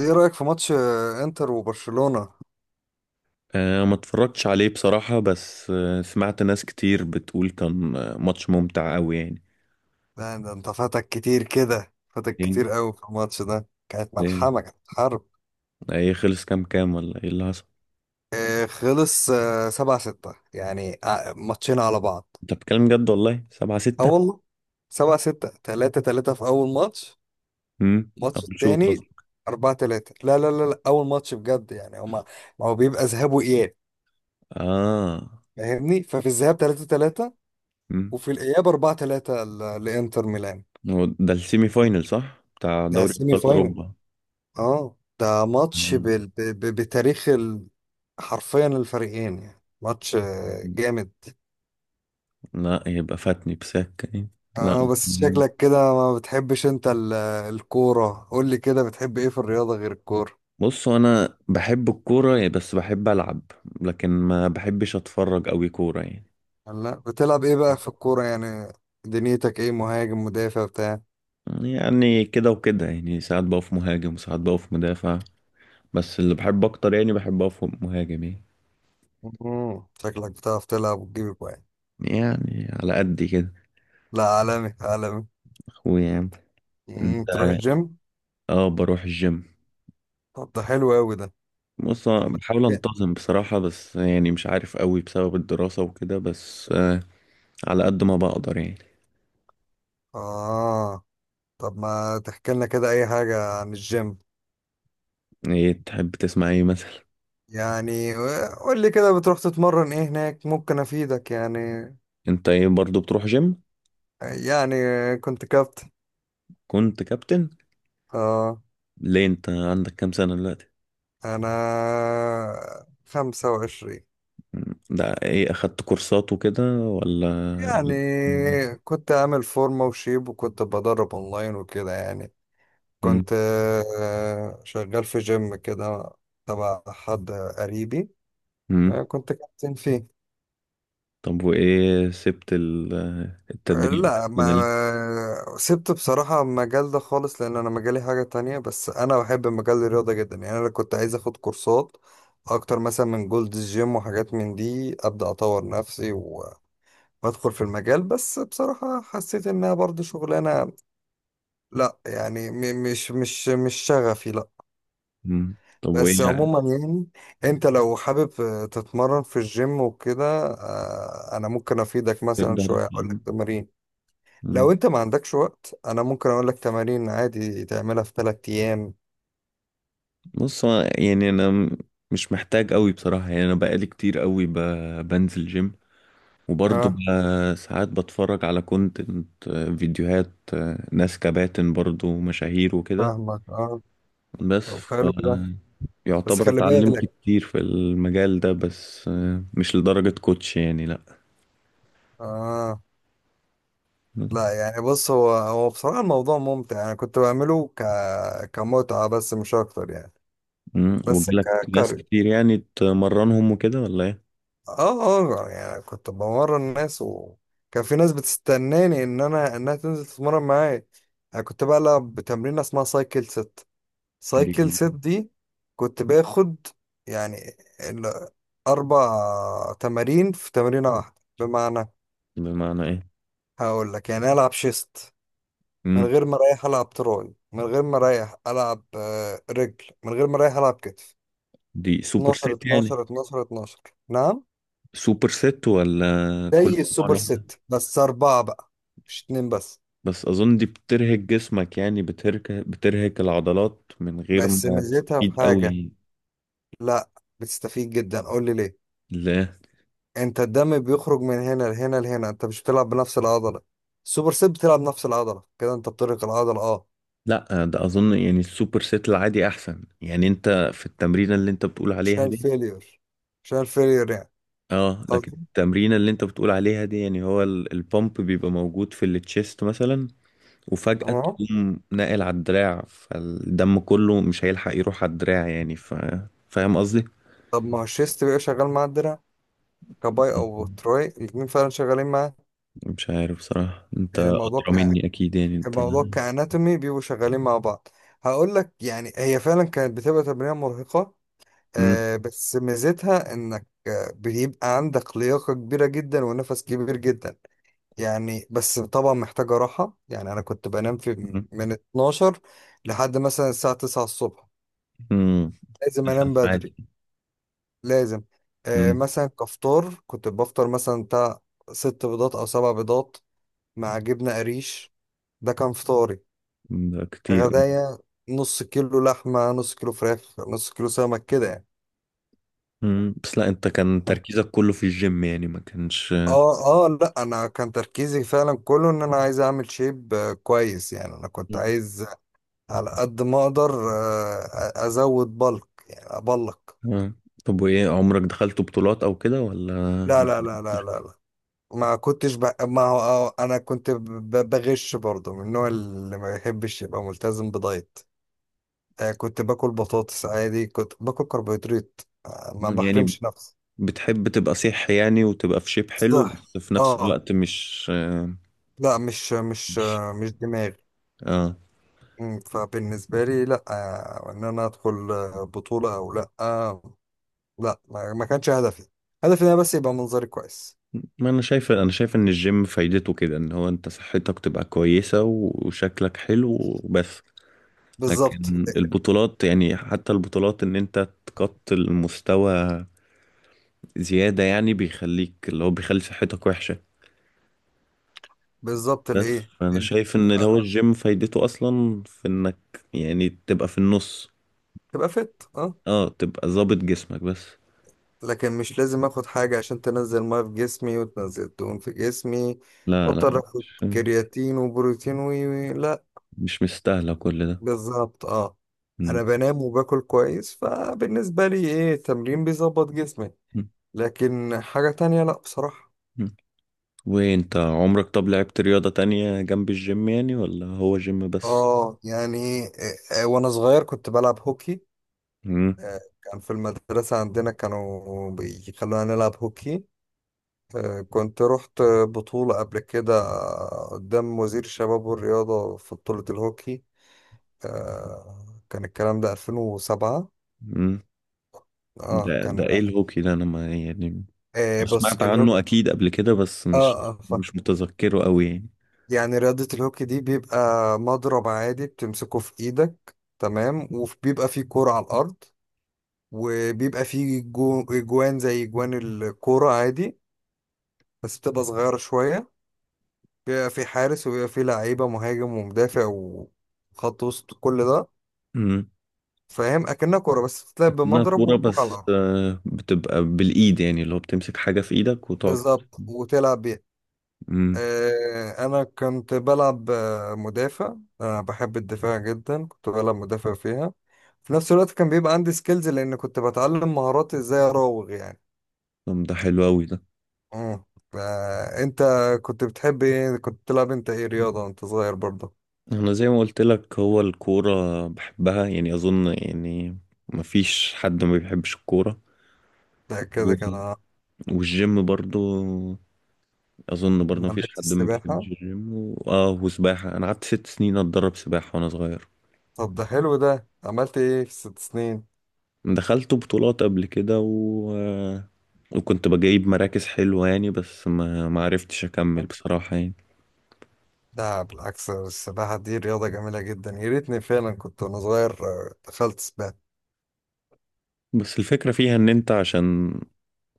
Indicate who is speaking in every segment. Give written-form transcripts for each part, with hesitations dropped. Speaker 1: ايه رأيك في ماتش انتر وبرشلونة؟
Speaker 2: ما اتفرجتش عليه بصراحة بس سمعت ناس كتير بتقول كان ماتش ممتع قوي يعني.
Speaker 1: ده انت فاتك كتير كده، فاتك
Speaker 2: يعني
Speaker 1: كتير قوي في الماتش ده، كانت
Speaker 2: ايه؟
Speaker 1: ملحمة، كانت حرب.
Speaker 2: إيه خلص؟ كام ولا ايه اللي حصل؟
Speaker 1: خلص 7-6 يعني، ماتشين على بعض.
Speaker 2: انت بتتكلم جد والله؟ سبعة
Speaker 1: اه
Speaker 2: ستة
Speaker 1: والله، 7-6، 3-3 في أول ماتش.
Speaker 2: امم
Speaker 1: الماتش
Speaker 2: اول شوط
Speaker 1: التاني
Speaker 2: قصدي.
Speaker 1: 4-3. لا لا لا لا، أول ماتش بجد يعني هما. ما هو بيبقى ذهاب وإياب،
Speaker 2: اه.
Speaker 1: فاهمني؟ ففي الذهاب 3-3
Speaker 2: امم
Speaker 1: وفي الإياب 4-3 لإنتر ميلان.
Speaker 2: هو ده السيمي فاينل صح؟ بتاع
Speaker 1: ده
Speaker 2: دوري
Speaker 1: سيمي
Speaker 2: ابطال
Speaker 1: فاينل.
Speaker 2: اوروبا.
Speaker 1: اه، ده ماتش
Speaker 2: مم.
Speaker 1: بتاريخ حرفيا الفريقين يعني، ماتش جامد.
Speaker 2: لا، يبقى فاتني بسكة يعني.
Speaker 1: اه،
Speaker 2: لا.
Speaker 1: بس
Speaker 2: مم.
Speaker 1: شكلك كده ما بتحبش انت الكورة. قول لي كده، بتحب ايه في الرياضة غير الكورة؟
Speaker 2: بص انا بحب الكورة يعني بس بحب العب. لكن ما بحبش اتفرج قوي كورة يعني.
Speaker 1: لا، بتلعب ايه بقى في الكورة يعني؟ دنيتك ايه، مهاجم، مدافع، بتاع؟
Speaker 2: يعني كده وكده، يعني ساعات بقف مهاجم وساعات بقف مدافع. بس اللي بحب اكتر يعني بحب اقف مهاجم يعني.
Speaker 1: شكلك بتعرف تلعب وتجيب اجوان.
Speaker 2: يعني على قد كده.
Speaker 1: لا، عالمي عالمي.
Speaker 2: اخويا يعني. انت؟
Speaker 1: تروح الجيم؟
Speaker 2: اه، بروح الجيم.
Speaker 1: طب ده حلو قوي ده.
Speaker 2: بص،
Speaker 1: طب
Speaker 2: أنا
Speaker 1: ما
Speaker 2: بحاول
Speaker 1: تحكي.
Speaker 2: انتظم بصراحة بس يعني مش عارف قوي بسبب الدراسة وكده بس على قد ما بقدر يعني.
Speaker 1: اه. طب ما تحكي لنا كده اي حاجة عن الجيم.
Speaker 2: ايه تحب تسمع ايه مثلا؟
Speaker 1: يعني قول لي كده، بتروح تتمرن ايه هناك؟ ممكن افيدك يعني.
Speaker 2: انت ايه برضو بتروح جيم؟
Speaker 1: يعني كنت كابتن.
Speaker 2: كنت كابتن؟
Speaker 1: اه.
Speaker 2: ليه؟ انت عندك كام سنة دلوقتي؟
Speaker 1: انا 25.
Speaker 2: مم. ده ايه، اخدت كورسات وكده ولا؟
Speaker 1: يعني كنت عامل فورمة وشيب، وكنت بدرب اونلاين وكده يعني.
Speaker 2: مم.
Speaker 1: كنت شغال في جيم كده تبع حد قريبي.
Speaker 2: مم.
Speaker 1: كنت كابتن فيه.
Speaker 2: طب وإيه سبت التدريب
Speaker 1: لا، ما
Speaker 2: كده ليه؟
Speaker 1: سبت بصراحة المجال ده خالص، لأن أنا مجالي حاجة تانية، بس أنا بحب مجال الرياضة جدا يعني. أنا كنت عايز أخد كورسات أكتر، مثلا من جولد جيم وحاجات من دي، أبدأ أطور نفسي وأدخل في المجال. بس بصراحة حسيت إنها برضه شغلانة، لا يعني مش شغفي، لا.
Speaker 2: مم. طب وإيه
Speaker 1: بس
Speaker 2: يعني.
Speaker 1: عموما يعني، أنت لو حابب تتمرن في الجيم وكده أنا ممكن أفيدك، مثلا
Speaker 2: تقدر.
Speaker 1: شوية أقول لك تمارين.
Speaker 2: مم.
Speaker 1: لو انت ما عندكش وقت، انا ممكن اقول لك تمارين عادي تعملها في 3 ايام.
Speaker 2: بص هو يعني مش محتاج أوي بصراحة يعني أنا بقالي كتير أوي بنزل جيم. وبرضه
Speaker 1: اه.
Speaker 2: ساعات بتفرج على كونتنت، فيديوهات ناس كباتن برضه مشاهير وكده.
Speaker 1: فاهمك، اه.
Speaker 2: بس
Speaker 1: طب حلو ده. بس
Speaker 2: يعتبر
Speaker 1: خلي
Speaker 2: اتعلمت
Speaker 1: بالك.
Speaker 2: كتير في المجال ده بس مش لدرجة كوتش يعني لأ.
Speaker 1: اه. لا يعني، بص هو بصراحة الموضوع ممتع، انا كنت بعمله كمتعة، بس مش اكتر يعني.
Speaker 2: مم.
Speaker 1: بس
Speaker 2: وجالك ناس
Speaker 1: ككاري.
Speaker 2: كتير يعني تمرنهم وكده ولا ايه؟
Speaker 1: اه. اه يعني كنت بمرن الناس، وكان في ناس بتستناني ان انها تنزل تتمرن معايا. انا كنت بلعب بتمرين اسمها سايكل ست، سايكل
Speaker 2: دي.
Speaker 1: سيت دي. كنت باخد يعني أربع تمارين في تمرينة واحدة. بمعنى
Speaker 2: بمعنى ايه؟
Speaker 1: هقول لك، يعني ألعب شيست، من
Speaker 2: مم.
Speaker 1: غير ما أريح ألعب تراي، من غير ما أريح ألعب رجل، من غير ما أريح ألعب كتف.
Speaker 2: دي سوبر
Speaker 1: 12
Speaker 2: سيت يعني؟
Speaker 1: 12 12 12. نعم.
Speaker 2: سوبر سيت ولا... كل
Speaker 1: زي
Speaker 2: عضلة
Speaker 1: السوبر
Speaker 2: واحدة.
Speaker 1: ست بس أربعة بقى، مش اتنين بس.
Speaker 2: بس أظن دي بترهق جسمك، يعني بترهق العضلات من غير
Speaker 1: بس
Speaker 2: ما
Speaker 1: ميزتها في
Speaker 2: تستفيد قوي
Speaker 1: حاجة.
Speaker 2: يعني.
Speaker 1: لا، بتستفيد جدا، قول لي ليه.
Speaker 2: لا،
Speaker 1: انت الدم بيخرج من هنا لهنا لهنا، انت مش بتلعب بنفس العضله. السوبر سيت بتلعب نفس العضله، كده انت بترهق العضله، اه.
Speaker 2: لا، ده أظن يعني السوبر سيت العادي أحسن، يعني أنت في التمرينة اللي أنت بتقول
Speaker 1: عشان
Speaker 2: عليها دي.
Speaker 1: الفيلير، عشان الفيلير يعني.
Speaker 2: اه، لكن
Speaker 1: قصدي،
Speaker 2: التمرينة اللي أنت بتقول عليها دي يعني هو البامب بيبقى موجود في التشيست مثلا. وفجأة
Speaker 1: اهو.
Speaker 2: تقوم ناقل على الدراع، فالدم كله مش هيلحق يروح على الدراع يعني فاهم قصدي؟
Speaker 1: طب ما هو الشيست بيبقى شغال مع الدراع، كباي او تراي الاتنين فعلا شغالين مع.
Speaker 2: مش عارف بصراحة، انت
Speaker 1: يعني الموضوع
Speaker 2: أدرى مني أكيد يعني انت.
Speaker 1: الموضوع كاناتومي بيبقوا شغالين مع بعض. هقول لك، يعني هي فعلا كانت بتبقى تمرينه مرهقه.
Speaker 2: مم.
Speaker 1: آه، بس ميزتها انك بيبقى عندك لياقه كبيره جدا ونفس كبير جدا يعني. بس طبعا محتاجة راحة يعني. أنا كنت بنام في
Speaker 2: مم.
Speaker 1: من 12 لحد مثلا الساعة 9 الصبح.
Speaker 2: مم.
Speaker 1: لازم
Speaker 2: تسع
Speaker 1: أنام
Speaker 2: ساعات
Speaker 1: بدري، لازم. آه،
Speaker 2: مم.
Speaker 1: مثلا كفطار كنت بفطر، مثلا بتاع ست بيضات أو سبع بيضات مع جبنة قريش. ده كان فطاري.
Speaker 2: ده كتير.
Speaker 1: غدايا، نص كيلو لحمة، نص كيلو فراخ، نص كيلو سمك كده يعني.
Speaker 2: مم. بس لا، انت كان تركيزك كله في الجيم يعني، ما كانش.
Speaker 1: اه اه، لا، انا كان تركيزي فعلا كله ان انا عايز اعمل شيب كويس يعني. انا كنت
Speaker 2: مم.
Speaker 1: عايز على قد ما اقدر ازود بلك، يعني ابلك.
Speaker 2: آه. طب وايه عمرك دخلت بطولات أو كده ولا؟
Speaker 1: لا لا لا لا لا لا، ما كنتش ما هو انا كنت بغش برضه من النوع اللي ما يحبش يبقى ملتزم بدايت. كنت باكل بطاطس عادي، كنت باكل كربوهيدرات، ما
Speaker 2: مم. يعني
Speaker 1: بحرمش نفسي.
Speaker 2: بتحب تبقى صح، يعني وتبقى في شيب حلو
Speaker 1: صح.
Speaker 2: بس في نفس
Speaker 1: اه.
Speaker 2: الوقت مش...
Speaker 1: لا، مش دماغي.
Speaker 2: اه،
Speaker 1: فبالنسبة لي، لا ان انا ادخل بطولة او لا لا، ما كانش هدفي. هدفي ان انا بس يبقى منظري كويس.
Speaker 2: ما انا شايف، انا شايف ان الجيم فايدته كده، ان هو انت صحتك تبقى كويسة وشكلك حلو وبس.
Speaker 1: بالظبط.
Speaker 2: لكن البطولات يعني حتى البطولات ان انت تقط المستوى زيادة، يعني بيخليك، اللي هو بيخلي صحتك وحشة.
Speaker 1: بالظبط
Speaker 2: بس
Speaker 1: لإيه؟
Speaker 2: فانا شايف ان اللي
Speaker 1: آه،
Speaker 2: هو الجيم فايدته اصلا في انك يعني تبقى في النص.
Speaker 1: تبقى فت، اه.
Speaker 2: اه، تبقى ظابط جسمك بس.
Speaker 1: لكن مش لازم اخد حاجة عشان تنزل مية في جسمي وتنزل دهون في جسمي،
Speaker 2: لا، لا،
Speaker 1: واضطر اخد
Speaker 2: مش
Speaker 1: كرياتين وبروتين وي، وي لا.
Speaker 2: مش مستاهلة كل ده.
Speaker 1: بالظبط، اه.
Speaker 2: م.
Speaker 1: انا بنام وباكل كويس، فبالنسبة لي ايه، التمرين بيظبط جسمي. لكن حاجة تانية، لا بصراحة.
Speaker 2: م. وانت عمرك طب لعبت رياضة تانية جنب الجيم يعني، ولا هو جيم بس؟
Speaker 1: اه يعني وانا صغير كنت بلعب هوكي.
Speaker 2: مم.
Speaker 1: كان في المدرسة عندنا، كانوا بيخلونا نلعب هوكي. كنت رحت بطولة قبل كده قدام وزير الشباب والرياضة في بطولة الهوكي. كان الكلام ده 2007.
Speaker 2: مم.
Speaker 1: اه
Speaker 2: ده
Speaker 1: كان،
Speaker 2: ده ايه الهوكي ده، انا ما يعني
Speaker 1: بص
Speaker 2: سمعت
Speaker 1: الهوكي.
Speaker 2: عنه اكيد قبل كده بس
Speaker 1: اه
Speaker 2: مش
Speaker 1: اه،
Speaker 2: مش متذكره قوي يعني.
Speaker 1: يعني رياضة الهوكي دي بيبقى مضرب عادي بتمسكه في ايدك تمام، وبيبقى فيه كورة على الأرض، وبيبقى فيه جوان زي جوان الكورة عادي بس بتبقى صغيرة شوية. بيبقى فيه حارس، وبيبقى فيه لعيبة، مهاجم ومدافع وخط وسط، كل ده.
Speaker 2: مم.
Speaker 1: فاهم، اكنها كوره بس بتلعب
Speaker 2: اكنها
Speaker 1: بمضرب
Speaker 2: كورة
Speaker 1: وكوره على
Speaker 2: بس
Speaker 1: الارض.
Speaker 2: بتبقى بالايد، يعني اللي هو بتمسك حاجة في ايدك وتقعد.
Speaker 1: بالظبط وتلعب بيها.
Speaker 2: مم.
Speaker 1: انا كنت بلعب مدافع. انا بحب الدفاع جدا، كنت بلعب مدافع فيها. في نفس الوقت كان بيبقى عندي سكيلز، لان كنت بتعلم مهارات ازاي اراوغ يعني.
Speaker 2: طب ده حلو قوي ده.
Speaker 1: امم. انت كنت بتحب ايه؟ كنت بتلعب انت ايه رياضه وانت صغير برضه؟
Speaker 2: انا زي ما قلت لك هو الكورة بحبها يعني، اظن يعني مفيش حد ما بيحبش الكورة.
Speaker 1: ده كده كده
Speaker 2: و-
Speaker 1: أنا.
Speaker 2: والجيم برضو اظن برضه مفيش
Speaker 1: لعبت
Speaker 2: حد ما بيحبش
Speaker 1: السباحه.
Speaker 2: الجيم اه، وسباحه انا قعدت 6 سنين اتدرب سباحه وانا صغير.
Speaker 1: طب ده حلو ده، عملت ايه في 6 سنين؟
Speaker 2: دخلت بطولات قبل كده و... آه، وكنت بجيب مراكز حلوه يعني بس ما عرفتش اكمل بصراحه يعني.
Speaker 1: لا بالعكس، السباحة دي رياضة جميلة جدا، يا ريتني فعلا كنت وأنا صغير دخلت سباحة.
Speaker 2: بس الفكره فيها ان انت عشان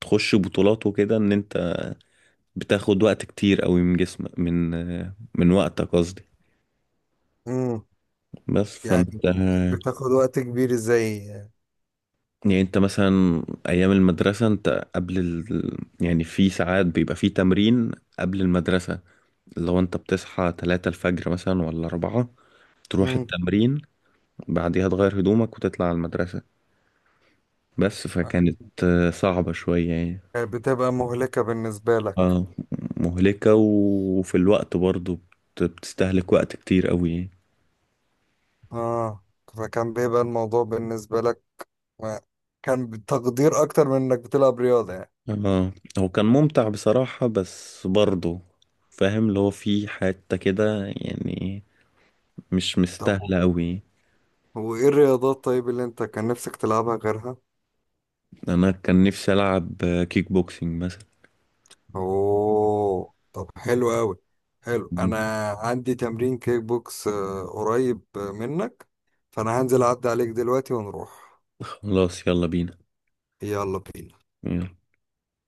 Speaker 2: تخش بطولات وكده، ان انت بتاخد وقت كتير قوي من جسمك، من وقتك قصدي.
Speaker 1: امم.
Speaker 2: بس
Speaker 1: يعني
Speaker 2: فانت
Speaker 1: بتاخد وقت كبير ازاي؟
Speaker 2: يعني انت مثلا ايام المدرسه، انت يعني في ساعات بيبقى في تمرين قبل المدرسه. لو انت بتصحى 3 الفجر مثلا ولا 4 تروح
Speaker 1: امم.
Speaker 2: التمرين. بعديها تغير هدومك وتطلع على المدرسة بس فكانت صعبة شوية يعني.
Speaker 1: بتبقى مهلكة بالنسبة لك.
Speaker 2: اه، مهلكة وفي الوقت برضو بتستهلك وقت كتير قوي يعني.
Speaker 1: اه. فكان بيبقى الموضوع بالنسبة لك، ما- كان بتقدير أكتر من إنك بتلعب رياضة يعني.
Speaker 2: اه، هو كان ممتع بصراحة بس برضو فاهم اللي هو في حتة كده يعني مش
Speaker 1: طب
Speaker 2: مستاهلة قوي.
Speaker 1: وإيه الرياضات طيب اللي أنت كان نفسك تلعبها غيرها؟
Speaker 2: انا كان نفسي العب كيك بوكسينج مثلا.
Speaker 1: اوه، طب حلو قوي. حلو، انا
Speaker 2: مم.
Speaker 1: عندي تمرين كيك بوكس قريب منك، فانا هنزل اعدي عليك دلوقتي ونروح.
Speaker 2: خلاص، يلا بينا.
Speaker 1: يلا بينا.
Speaker 2: يلا.